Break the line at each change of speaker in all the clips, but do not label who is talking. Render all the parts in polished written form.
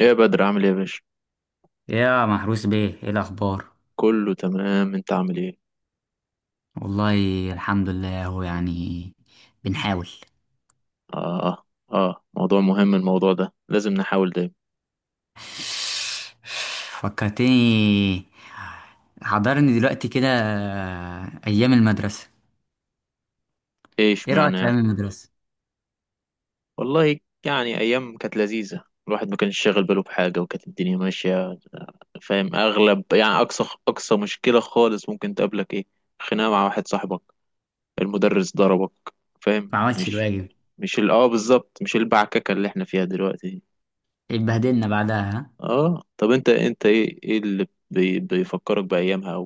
ايه يا بدر، عامل ايه يا باشا؟
يا محروس بيه ايه الاخبار.
كله تمام، انت عامل ايه؟
والله الحمد لله، هو يعني بنحاول.
اه اه، موضوع مهم، الموضوع ده لازم نحاول دايما.
فكرتني، حضرني دلوقتي كده ايام المدرسه.
ايه
ايه
اشمعنى
رايك في
يعني؟
ايام المدرسه؟
والله يعني ايام كانت لذيذه، الواحد ما كانش شاغل باله بحاجه، وكانت الدنيا ماشيه. فاهم، اغلب يعني اقصى مشكله خالص ممكن تقابلك ايه؟ خناقه مع واحد صاحبك، المدرس ضربك، فاهم؟
ما عملتش
مش
الواجب،
مش بالظبط، مش البعككه اللي احنا فيها دلوقتي.
اتبهدلنا بعدها ها.
اه، طب انت ايه اللي بيفكرك بايامها،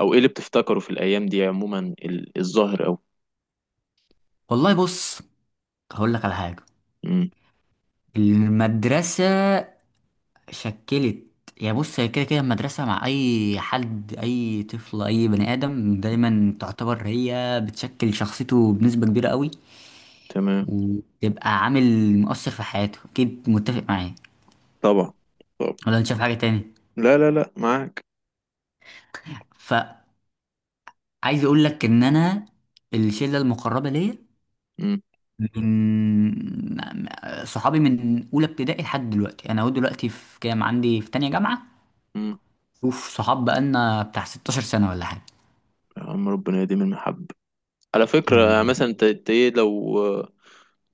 او ايه اللي بتفتكره في الايام دي عموما؟ ال- الظاهر او
والله بص، هقول لك على حاجه.
امم
المدرسه شكلت، يعني بص هي كده كده المدرسة مع أي حد، أي طفل، أي بني آدم دايما تعتبر هي بتشكل شخصيته بنسبة كبيرة قوي،
تمام.
وتبقى عامل مؤثر في حياته أكيد. متفق معايا
طبعا، طبعا.
ولا أنت شايف حاجة تاني؟
لا لا لا، معاك.
فعايز أقول لك إن أنا الشلة المقربة ليا
امم
من صحابي من أولى ابتدائي لحد دلوقتي، أنا أهو دلوقتي في كام، عندي في تانية جامعة.
امم
شوف صحاب بقالنا بتاع 16 سنة ولا حاجة.
يا عم ربنا يديم المحبة. على فكرة يعني
أم،
مثلا انت ايه، لو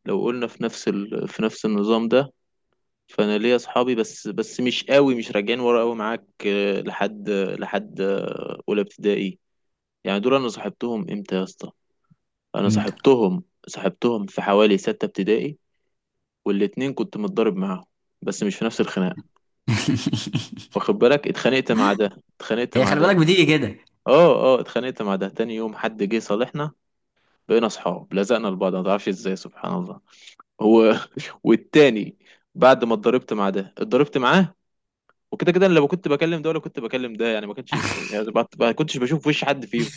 لو قلنا في نفس في نفس النظام ده، فانا ليا اصحابي، بس مش قوي، مش راجعين ورا قوي، معاك آه، لحد آه، اولى ابتدائي. يعني دول انا صاحبتهم امتى يا اسطى؟ انا
امتى؟
صاحبتهم، صاحبتهم في حوالي ستة ابتدائي. والاتنين كنت متضارب معاهم، بس مش في نفس الخناقة. واخد بالك، اتخانقت مع ده، اتخانقت
هي
مع
خلي بالك
ده.
بتيجي كده.
اه، اتخانقت مع ده تاني يوم حد جه صالحنا، بقينا اصحاب، لزقنا لبعض، ما تعرفش ازاي، سبحان الله. هو والتاني، بعد ما اتضربت مع ده اتضربت معاه، وكده كده انا لو كنت بكلم ده ولا كنت بكلم ده، يعني ما كنتش بشوف وش حد فيهم.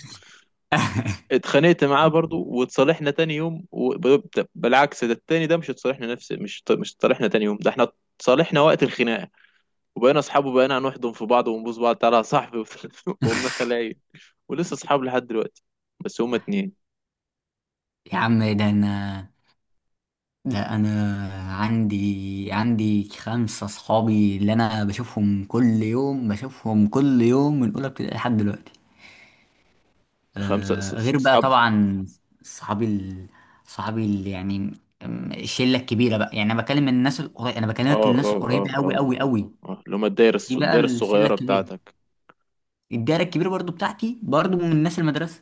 اتخانقت معاه برضو واتصالحنا تاني يوم، بالعكس، ده التاني ده مش اتصالحنا نفس، مش اتصالحنا تاني يوم، ده احنا اتصالحنا وقت الخناقه، وبقينا اصحاب، وبقينا هنحضن في بعض ونبوس بعض، تعالى يا صاحبي. وقمنا خلايا، ولسه اصحاب لحد دلوقتي، بس هما اتنين.
يا عم ده انا، ده انا عندي، عندي خمسة صحابي اللي انا بشوفهم كل يوم، بشوفهم كل يوم من اولى ابتدائي لحد دلوقتي.
خمسة
آه غير بقى
اصحاب.
طبعا. صحابي ال... صحابي ال... يعني الشلة الكبيرة بقى، يعني انا بكلم الناس القريبة، انا بكلمك
اه
الناس
اه اه
القريبة قوي
اه
قوي
اه
قوي.
اه اللي هما الدايرة
في بقى
الدايرة
الشلة
الصغيرة
الكبيرة،
بتاعتك.
الدايرة الكبيرة برضو بتاعتي برضو من ناس المدرسة.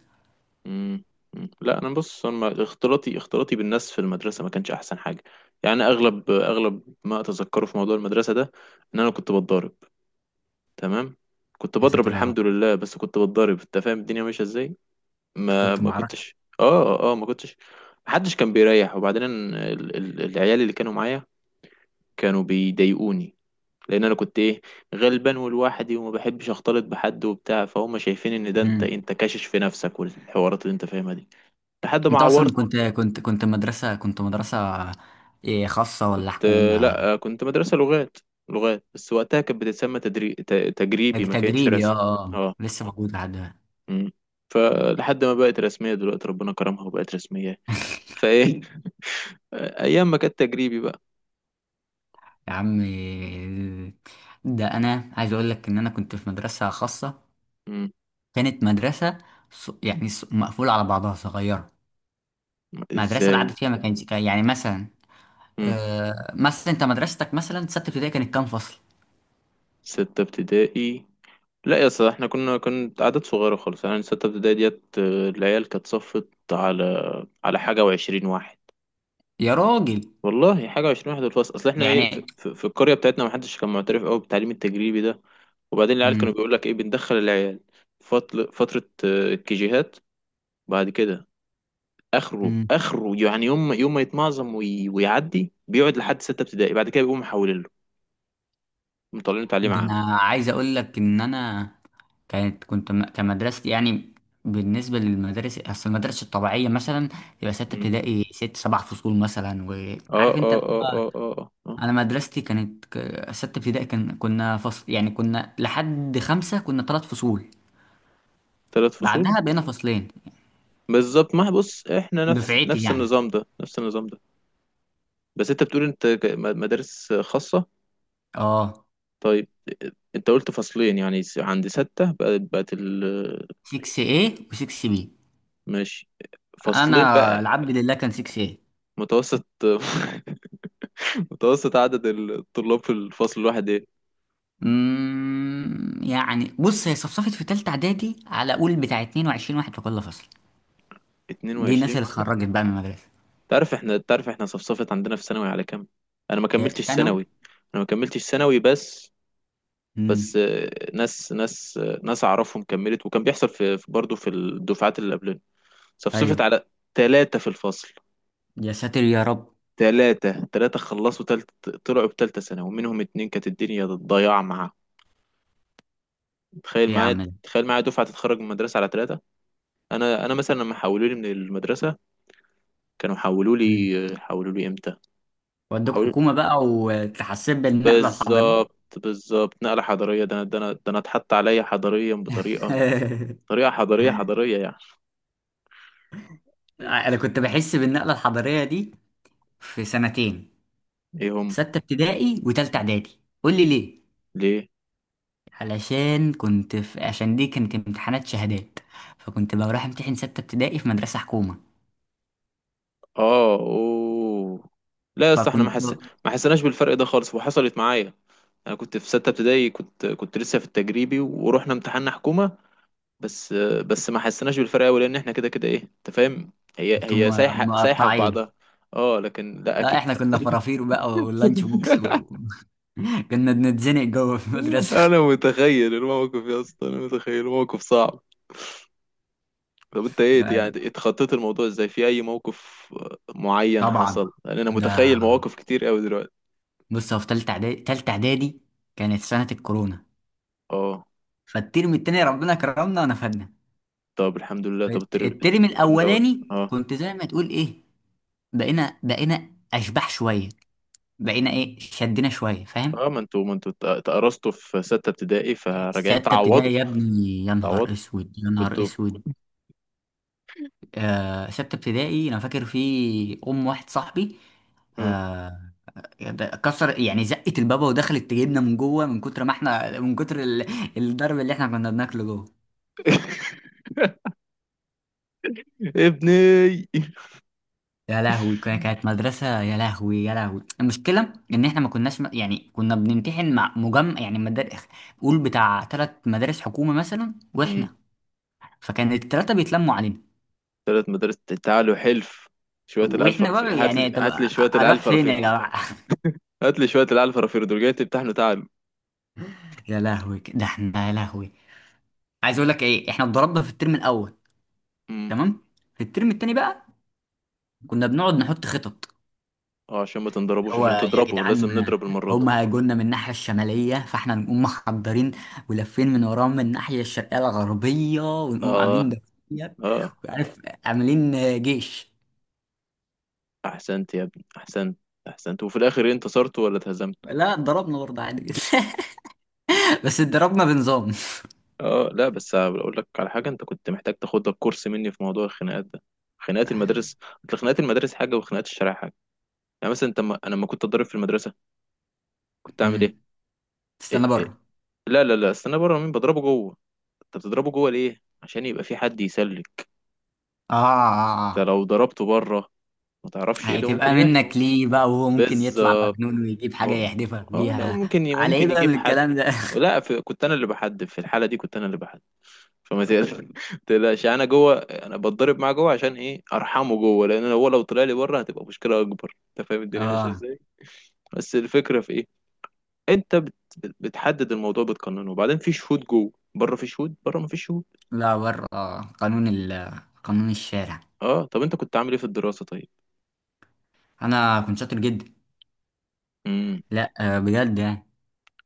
مم. مم. لا انا بص، انا اختلاطي، اختلاطي بالناس في المدرسة ما كانش احسن حاجة. يعني اغلب ما اتذكره في موضوع المدرسة ده ان انا كنت بتضارب. تمام، كنت
يا
بضرب
ساتر يا
الحمد
رب.
لله، بس كنت بتضرب، انت فاهم الدنيا ماشية ازاي.
انت
ما
كنت
ما
معركة.
كنتش، ما كنتش، محدش كان بيريح. وبعدين ال... العيال اللي كانوا معايا كانوا بيضايقوني، لان انا كنت ايه، غلبان ولوحدي وما بحبش اختلط بحد وبتاع، فهم شايفين ان ده انت كاشش في نفسك، والحوارات اللي انت فاهمها دي، لحد ما
انت
عورت.
اصلا كنت كنت مدرسه، كنت مدرسه إيه، خاصه
كنت،
ولا حكومه؟
لا، كنت مدرسة لغات، لغات بس وقتها كانت بتتسمى تجريبي، ما كانتش
تجريبي اه.
رسمي.
اه
اه،
لسه موجود لحد دلوقتي.
امم فلحد ما بقت رسمية دلوقتي ربنا كرمها وبقت رسمية، فايه. ايام ما كانت تجريبي بقى.
يا عم ده انا عايز اقول لك ان انا كنت في مدرسه خاصه،
مم.
كانت مدرسه يعني مقفوله على بعضها، صغيره. مدرسه
ازاي؟
العدد فيها ما كانش يعني مثلا،
مم.
مثلا انت مدرستك مثلا سته ابتدائي كانت كام فصل؟
ستة ابتدائي؟ لا يا اسطى احنا كنا، عدد صغيرة خالص، يعني ستة ابتدائي ديت آه، العيال كانت صفت على، على حاجة وعشرين واحد.
يا راجل.
والله حاجة وعشرين واحد في الفصل، اصل احنا ايه،
يعني
في القرية بتاعتنا محدش كان معترف قوي بالتعليم التجريبي ده. وبعدين العيال كانوا
مم،
بيقول لك ايه، بندخل العيال فترة آه، الكيجيهات. بعد كده اخره
مم.
اخره يعني يوم ما يتمعظم ويعدي، بيقعد لحد ستة ابتدائي، بعد كده بيقوموا محولين له، مطلعين تعليم
ده
عام.
انا عايز اقول لك ان انا كانت كمدرستي يعني، بالنسبة للمدارس، أصل المدارس الطبيعية مثلا تبقى ستة
مم.
ابتدائي ست سبع فصول مثلا،
اه
وعارف أنت
اه
اللي
اه
هو،
اه اه آه.
أنا مدرستي كانت ستة ابتدائي كان كنا فصل يعني، كنا لحد خمسة كنا ثلاث فصول،
ثلاث فصول.
بعدها بقينا فصلين.
بالظبط، ما بص احنا نفس
دفعتي
نفس
يعني
النظام ده نفس النظام ده. بس انت بتقول انت مدارس خاصة،
اه
طيب. انت قلت فصلين، يعني عند ستة بقت، بقت ال...
6A و 6B.
ماشي، فصلين
أنا
بقى.
العبد لله كان 6A.
متوسط، متوسط عدد الطلاب في الفصل الواحد ايه؟
يعني بص هي صفصفت في تالتة إعدادي على قول بتاع 22 واحد في كل فصل. دي الناس
22
اللي
واحد.
اتخرجت بقى من المدرسة.
تعرف احنا، تعرف احنا صفصفت عندنا في ثانوي على كام؟ انا ما كملتش
ثانوي.
ثانوي. انا ما كملتش ثانوي بس،
امم.
آه، ناس آه، ناس اعرفهم كملت، وكان بيحصل في برضه في الدفعات اللي قبلنا
ايوه.
صفصفت على ثلاثة في الفصل.
يا ساتر يا رب.
ثلاثة خلصوا تلت، طلعوا بتالتة سنة، ومنهم اتنين كانت الدنيا ضياع معاهم. تخيل
ايه يا عم
معايا،
ده؟
تخيل معايا دفعة تتخرج من المدرسة على ثلاثة. أنا مثلا لما حولوا لي من المدرسة، كانوا حولوا
مم.
لي، حولوا لي إمتى؟
ودوك
حولوا،
حكومه بقى وتحسب بالنقله الحضاريه.
بالظبط بالظبط نقلة حضارية، ده أنا، ده أنا اتحط عليا حضاريا بطريقة، طريقة حضارية، حضارية يعني.
انا كنت بحس بالنقله الحضاريه دي في سنتين،
إيه هم؟
سته ابتدائي وتالته اعدادي. قول لي ليه؟
ليه؟
علشان كنت في، عشان دي كانت امتحانات شهادات، فكنت بروح امتحن سته ابتدائي في مدرسه حكومه.
اه، اوه. لا يا اسطى، احنا
فكنت
ما حسيناش بالفرق ده خالص. وحصلت معايا، انا كنت في ستة ابتدائي، كنت لسه في التجريبي ورحنا امتحان حكومة، بس. ما حسيناش بالفرق قوي، لان احنا كده كده ايه، انت فاهم، هي هي سايحة، سايحة في
مقطعين.
بعضها. اه، لكن لا
لا
اكيد.
احنا كنا فرافير بقى واللانش بوكس و... كنا بنتزنق جوه في المدرسه.
انا متخيل الموقف يا اسطى، انا متخيل الموقف صعب. طب انت ايه
لا
يعني، اتخطيت الموضوع ازاي، في اي موقف معين
طبعا.
حصل؟ لان انا
ده
متخيل مواقف كتير قوي دلوقتي.
بص، هو في تالتة اعدادي، تالتة اعدادي كانت سنة الكورونا،
اه،
فالترم التاني ربنا كرمنا ونفدنا.
طب الحمد لله. طب
الترم
الترم الاول؟
الاولاني
اه،
كنت زي ما تقول ايه، بقينا بقينا اشباح شوية، بقينا ايه شدنا شوية، فاهم.
اه. ما انتوا اتقرصتوا في ستة ابتدائي، فراجعين
ستة
تعوضوا،
ابتدائي يا ابني، يا نهار
تعوضوا.
اسود، يا نهار
كنتوا.
اسود. آه ستة ابتدائي انا فاكر في ام واحد صاحبي،
مم.
آه كسر يعني، زقت البابا ودخلت تجيبنا من جوه، من كتر ما احنا من كتر الضرب اللي احنا كنا بناكله جوه.
ابني.
يا لهوي، كانت مدرسة. يا لهوي يا لهوي، المشكلة إن إحنا ما كناش يعني كنا بنمتحن مع مجمع يعني مدارس، قول بتاع تلات مدارس حكومة مثلا،
مم.
وإحنا، فكان التلاتة بيتلموا علينا.
ثلاث مدارس. تعالوا حلف شوية الألف
وإحنا
رفيق،
بقى
هات لي
يعني طب
هات لي شوية
أروح
الألف
فين
رفيق
يا
دول.
جماعة؟
هات لي شوية الألف رفيق دول، جاي تمتحنوا، تعالوا.
يا لهوي ده إحنا، يا لهوي عايز أقول لك إيه، إحنا اتضربنا في الترم الأول،
مم.
تمام. في الترم التاني بقى كنا بنقعد نحط خطط.
اه، عشان ما تنضربوش،
هو
عشان
يا
تضربوا
جدعان
لازم نضرب المرة دي.
هم هيجولنا من الناحية الشمالية، فاحنا نقوم محضرين ولافين من وراهم من الناحية الشرقية الغربية، ونقوم
اه،
عاملين دوسيات
اه.
وعارف، عاملين جيش.
أحسنت يا ابني، أحسنت. أحسنت، وفي الآخر إيه، انتصرتوا ولا اتهزمتوا؟
لا اتضربنا برضه عادي جدا. بس اتضربنا بنظام.
اه، لا بس اقول لك على حاجه، انت كنت محتاج تاخد لك كورس مني في موضوع الخناقات ده، خناقات المدارس. أصل خناقات المدارس حاجه، وخناقات الشارع حاجه. يعني مثلا انت ما... انا لما كنت اتضرب في المدرسه كنت اعمل ايه؟
مم. استنى
إيه؟
بره.
لا لا لا، استنى بره مين؟ بضربه جوه. انت بتضربه جوه ليه؟ عشان يبقى في حد يسلك.
اه اه اه
انت
آه.
لو ضربته بره ما تعرفش ايه اللي ممكن
هتبقى
يحصل.
منك ليه بقى وهو ممكن
بس
يطلع مجنون ويجيب حاجة
اه،
يحدفك
اه، لا
بيها؟
ممكن،
على ايه
ممكن
بقى من
يجيب حد.
الكلام ده؟
لا في، كنت انا اللي بحدد. في الحاله دي كنت انا اللي بحدد. فما تقل- تقلقش، يعني انا جوه، انا بتضرب معاه جوه، عشان ايه؟ ارحمه جوه، لان هو لو طلع لي بره هتبقى مشكله اكبر، انت فاهم الدنيا ماشيه
اه
ازاي. بس الفكره في ايه؟ انت بتحدد الموضوع، بتقننه، وبعدين في شهود جوه، بره في شهود، بره ما فيش شهود.
لا بره آه، قانون قانون الشارع.
اه، طب انت كنت عامل ايه في الدراسه طيب؟
انا كنت شاطر جدا.
امم
لا آه، بجد يعني.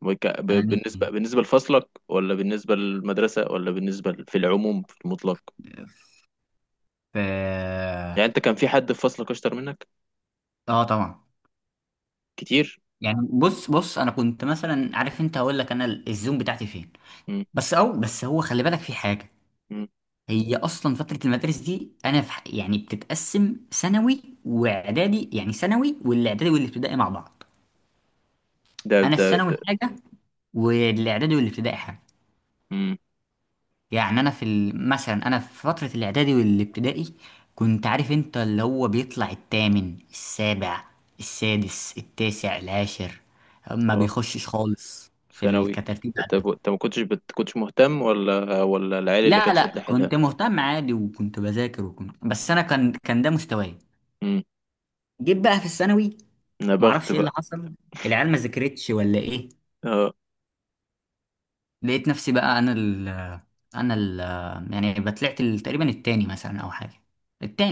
يعني
بالنسبه، بالنسبه لفصلك، ولا بالنسبه للمدرسه، ولا بالنسبه في العموم، في المطلق؟
في اه،
يعني انت كان في حد في فصلك اشطر منك
آه، طبعا.
كتير؟
يعني بص بص انا كنت مثلا عارف انت، هقول لك انا الزوم بتاعتي فين،
امم
بس او بس هو خلي بالك في حاجه.
امم
هي اصلا فتره المدارس دي انا في يعني بتتقسم ثانوي واعدادي، يعني ثانوي والاعدادي والابتدائي مع بعض.
ده،
انا
ده
الثانوي
ده
حاجه، والاعدادي والابتدائي حاجه.
امم
يعني انا في مثلا انا في فترة الاعدادي والابتدائي كنت عارف انت اللي هو بيطلع التامن السابع السادس التاسع العاشر، ما بيخشش خالص في
ثانوي.
الكترتيب
انت
عندهم.
انت ما كنتش مهتم، ولا ولا العيال اللي
لا
كانت
لا
شد حيلها؟
كنت مهتم عادي، وكنت بذاكر، وكنت بس انا كان كان ده مستواي.
امم
جيت بقى في الثانوي
انا بخت
معرفش ايه اللي
بقى.
حصل، العيال ما ذاكرتش ولا ايه،
اه،
لقيت نفسي بقى انا ال، انا ال، يعني بطلعت تقريبا التاني مثلا او حاجة.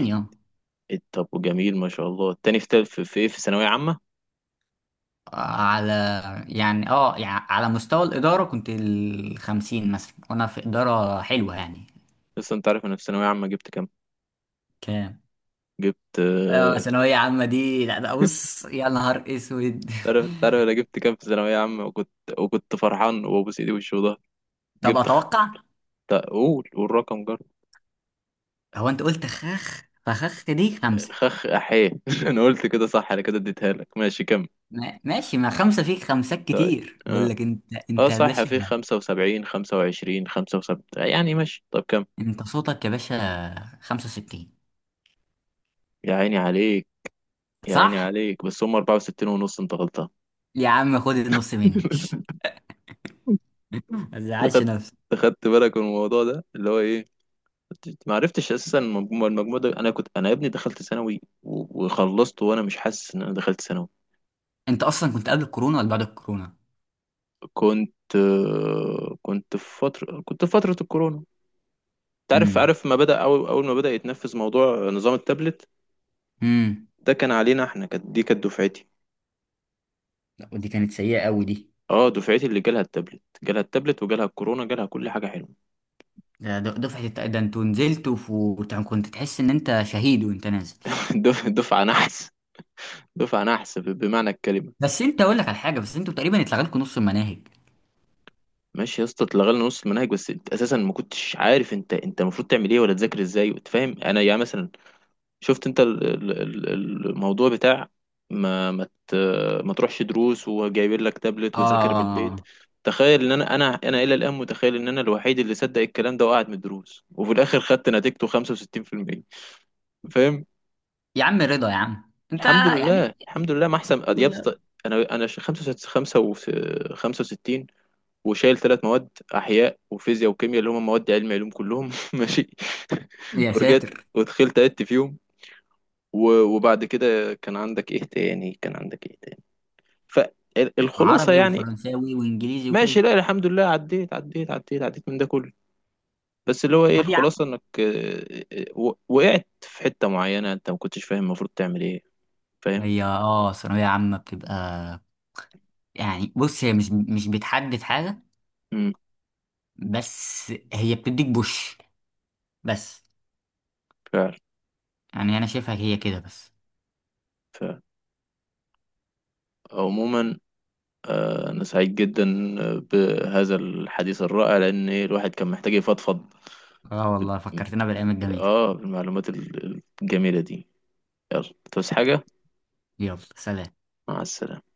إيه،
اه.
إيه، طب وجميل ما شاء الله، التاني في في في ايه في ثانوية عامة.
على، يعني اه يعني على مستوى الإدارة كنت الخمسين مثلا وأنا في إدارة حلوة يعني.
لسه، انت عارف انا في ثانوية عامة جبت كام؟
كام؟
جبت
آه،
آه،
ثانوية عامة دي لا ده بص يا نهار اسود.
تعرف، تعرف انا جبت كام في ثانوية عامة، وكنت فرحان وابوس ايدي وشي وضهري.
طب
جبت
اتوقع.
قول، والرقم جر.
هو انت قلت خخ، فخخ دي خمسة.
خخ احيه. انا قلت كده صح، انا كده اديتها لك، ماشي كم؟
ما- ماشي، ما خمسة فيك خمسات كتير بقول لك، انت
اه
انت يا
صح، في
باشا.
75، 25، 75، يعني، ماشي، طب كم؟
انت صوتك يا باشا، 65.
يا عيني عليك، يا عيني
صح.
عليك، بس هم 64 ونص، انت غلطان.
يا عم خد النص مني. ما تزعلش
اخدت،
نفسك.
اخدت بالك من الموضوع ده اللي هو ايه؟ ما عرفتش اساسا المجموع، المجموع ده، انا كنت، انا يا ابني دخلت ثانوي وخلصت وانا مش حاسس ان انا دخلت ثانوي.
انت اصلا كنت قبل الكورونا ولا بعد الكورونا؟
كنت، كنت في فتره الكورونا. انت عارف، عارف ما بدا اول اول ما بدا يتنفذ موضوع نظام التابلت
امم.
ده، كان علينا احنا، كانت دفعتي.
ودي كانت سيئة قوي دي.
اه، دفعتي اللي جالها التابلت، جالها التابلت، وجالها الكورونا، جالها كل حاجه حلوه.
ده دفعة ده انتوا نزلتوا كنت تحس ان انت شهيد وانت نازل.
دفعه نحس، دفعه نحس بمعنى الكلمه.
بس انت اقول لك على حاجة، بس انتوا تقريبا اتلغى لكم نص المناهج.
ماشي يا اسطى، اتلغى لنا نص المناهج، بس انت اساسا ما كنتش عارف انت، المفروض تعمل ايه، ولا تذاكر ازاي، وتفهم. انا يعني مثلا شفت انت الموضوع بتاع، ما ما ت- ما تروحش دروس، وجايبين لك تابلت، وذاكر من البيت.
اه
تخيل ان انا، انا الى الان متخيل ان انا الوحيد اللي صدق الكلام ده وقعد من الدروس، وفي الاخر خدت نتيجته 65%. فاهم؟
يا عم رضا يا عم انت.
الحمد
يعني
لله، الحمد لله ما احسن
الحمد
يا اسطى.
لله.
انا، انا 65، وشايل ثلاث مواد، احياء وفيزياء وكيمياء اللي هم مواد علم علوم كلهم. ماشي.
يا
ورجعت
ساتر.
ودخلت عدت فيهم، وبعد كده كان عندك ايه تاني، كان عندك ايه تاني، فالخلاصه
عربي
يعني.
وفرنساوي وانجليزي
ماشي،
وكده.
لا الحمد لله عديت، عديت عديت من ده كله. بس اللي هو ايه،
طب يا
الخلاصه انك وقعت في حته معينه انت ما كنتش فاهم المفروض تعمل ايه.
عم،
فاهم.
هي اه ثانوية عامة بتبقى، يعني بص هي مش مش بتحدد حاجة،
امم
بس هي بتديك بوش، بس.
فعلا.
يعني انا شايفها هي كده بس.
فعلا. عموما، آه، انا سعيد جدا آه، بهذا الحديث الرائع، لان إيه، الواحد كان محتاج يفضفض.
اه والله فكرتنا بالايام الجميلة.
اه، بالمعلومات الجميلة دي. يلا، تصحى حاجة؟
يلا سلام.
مع السلامة.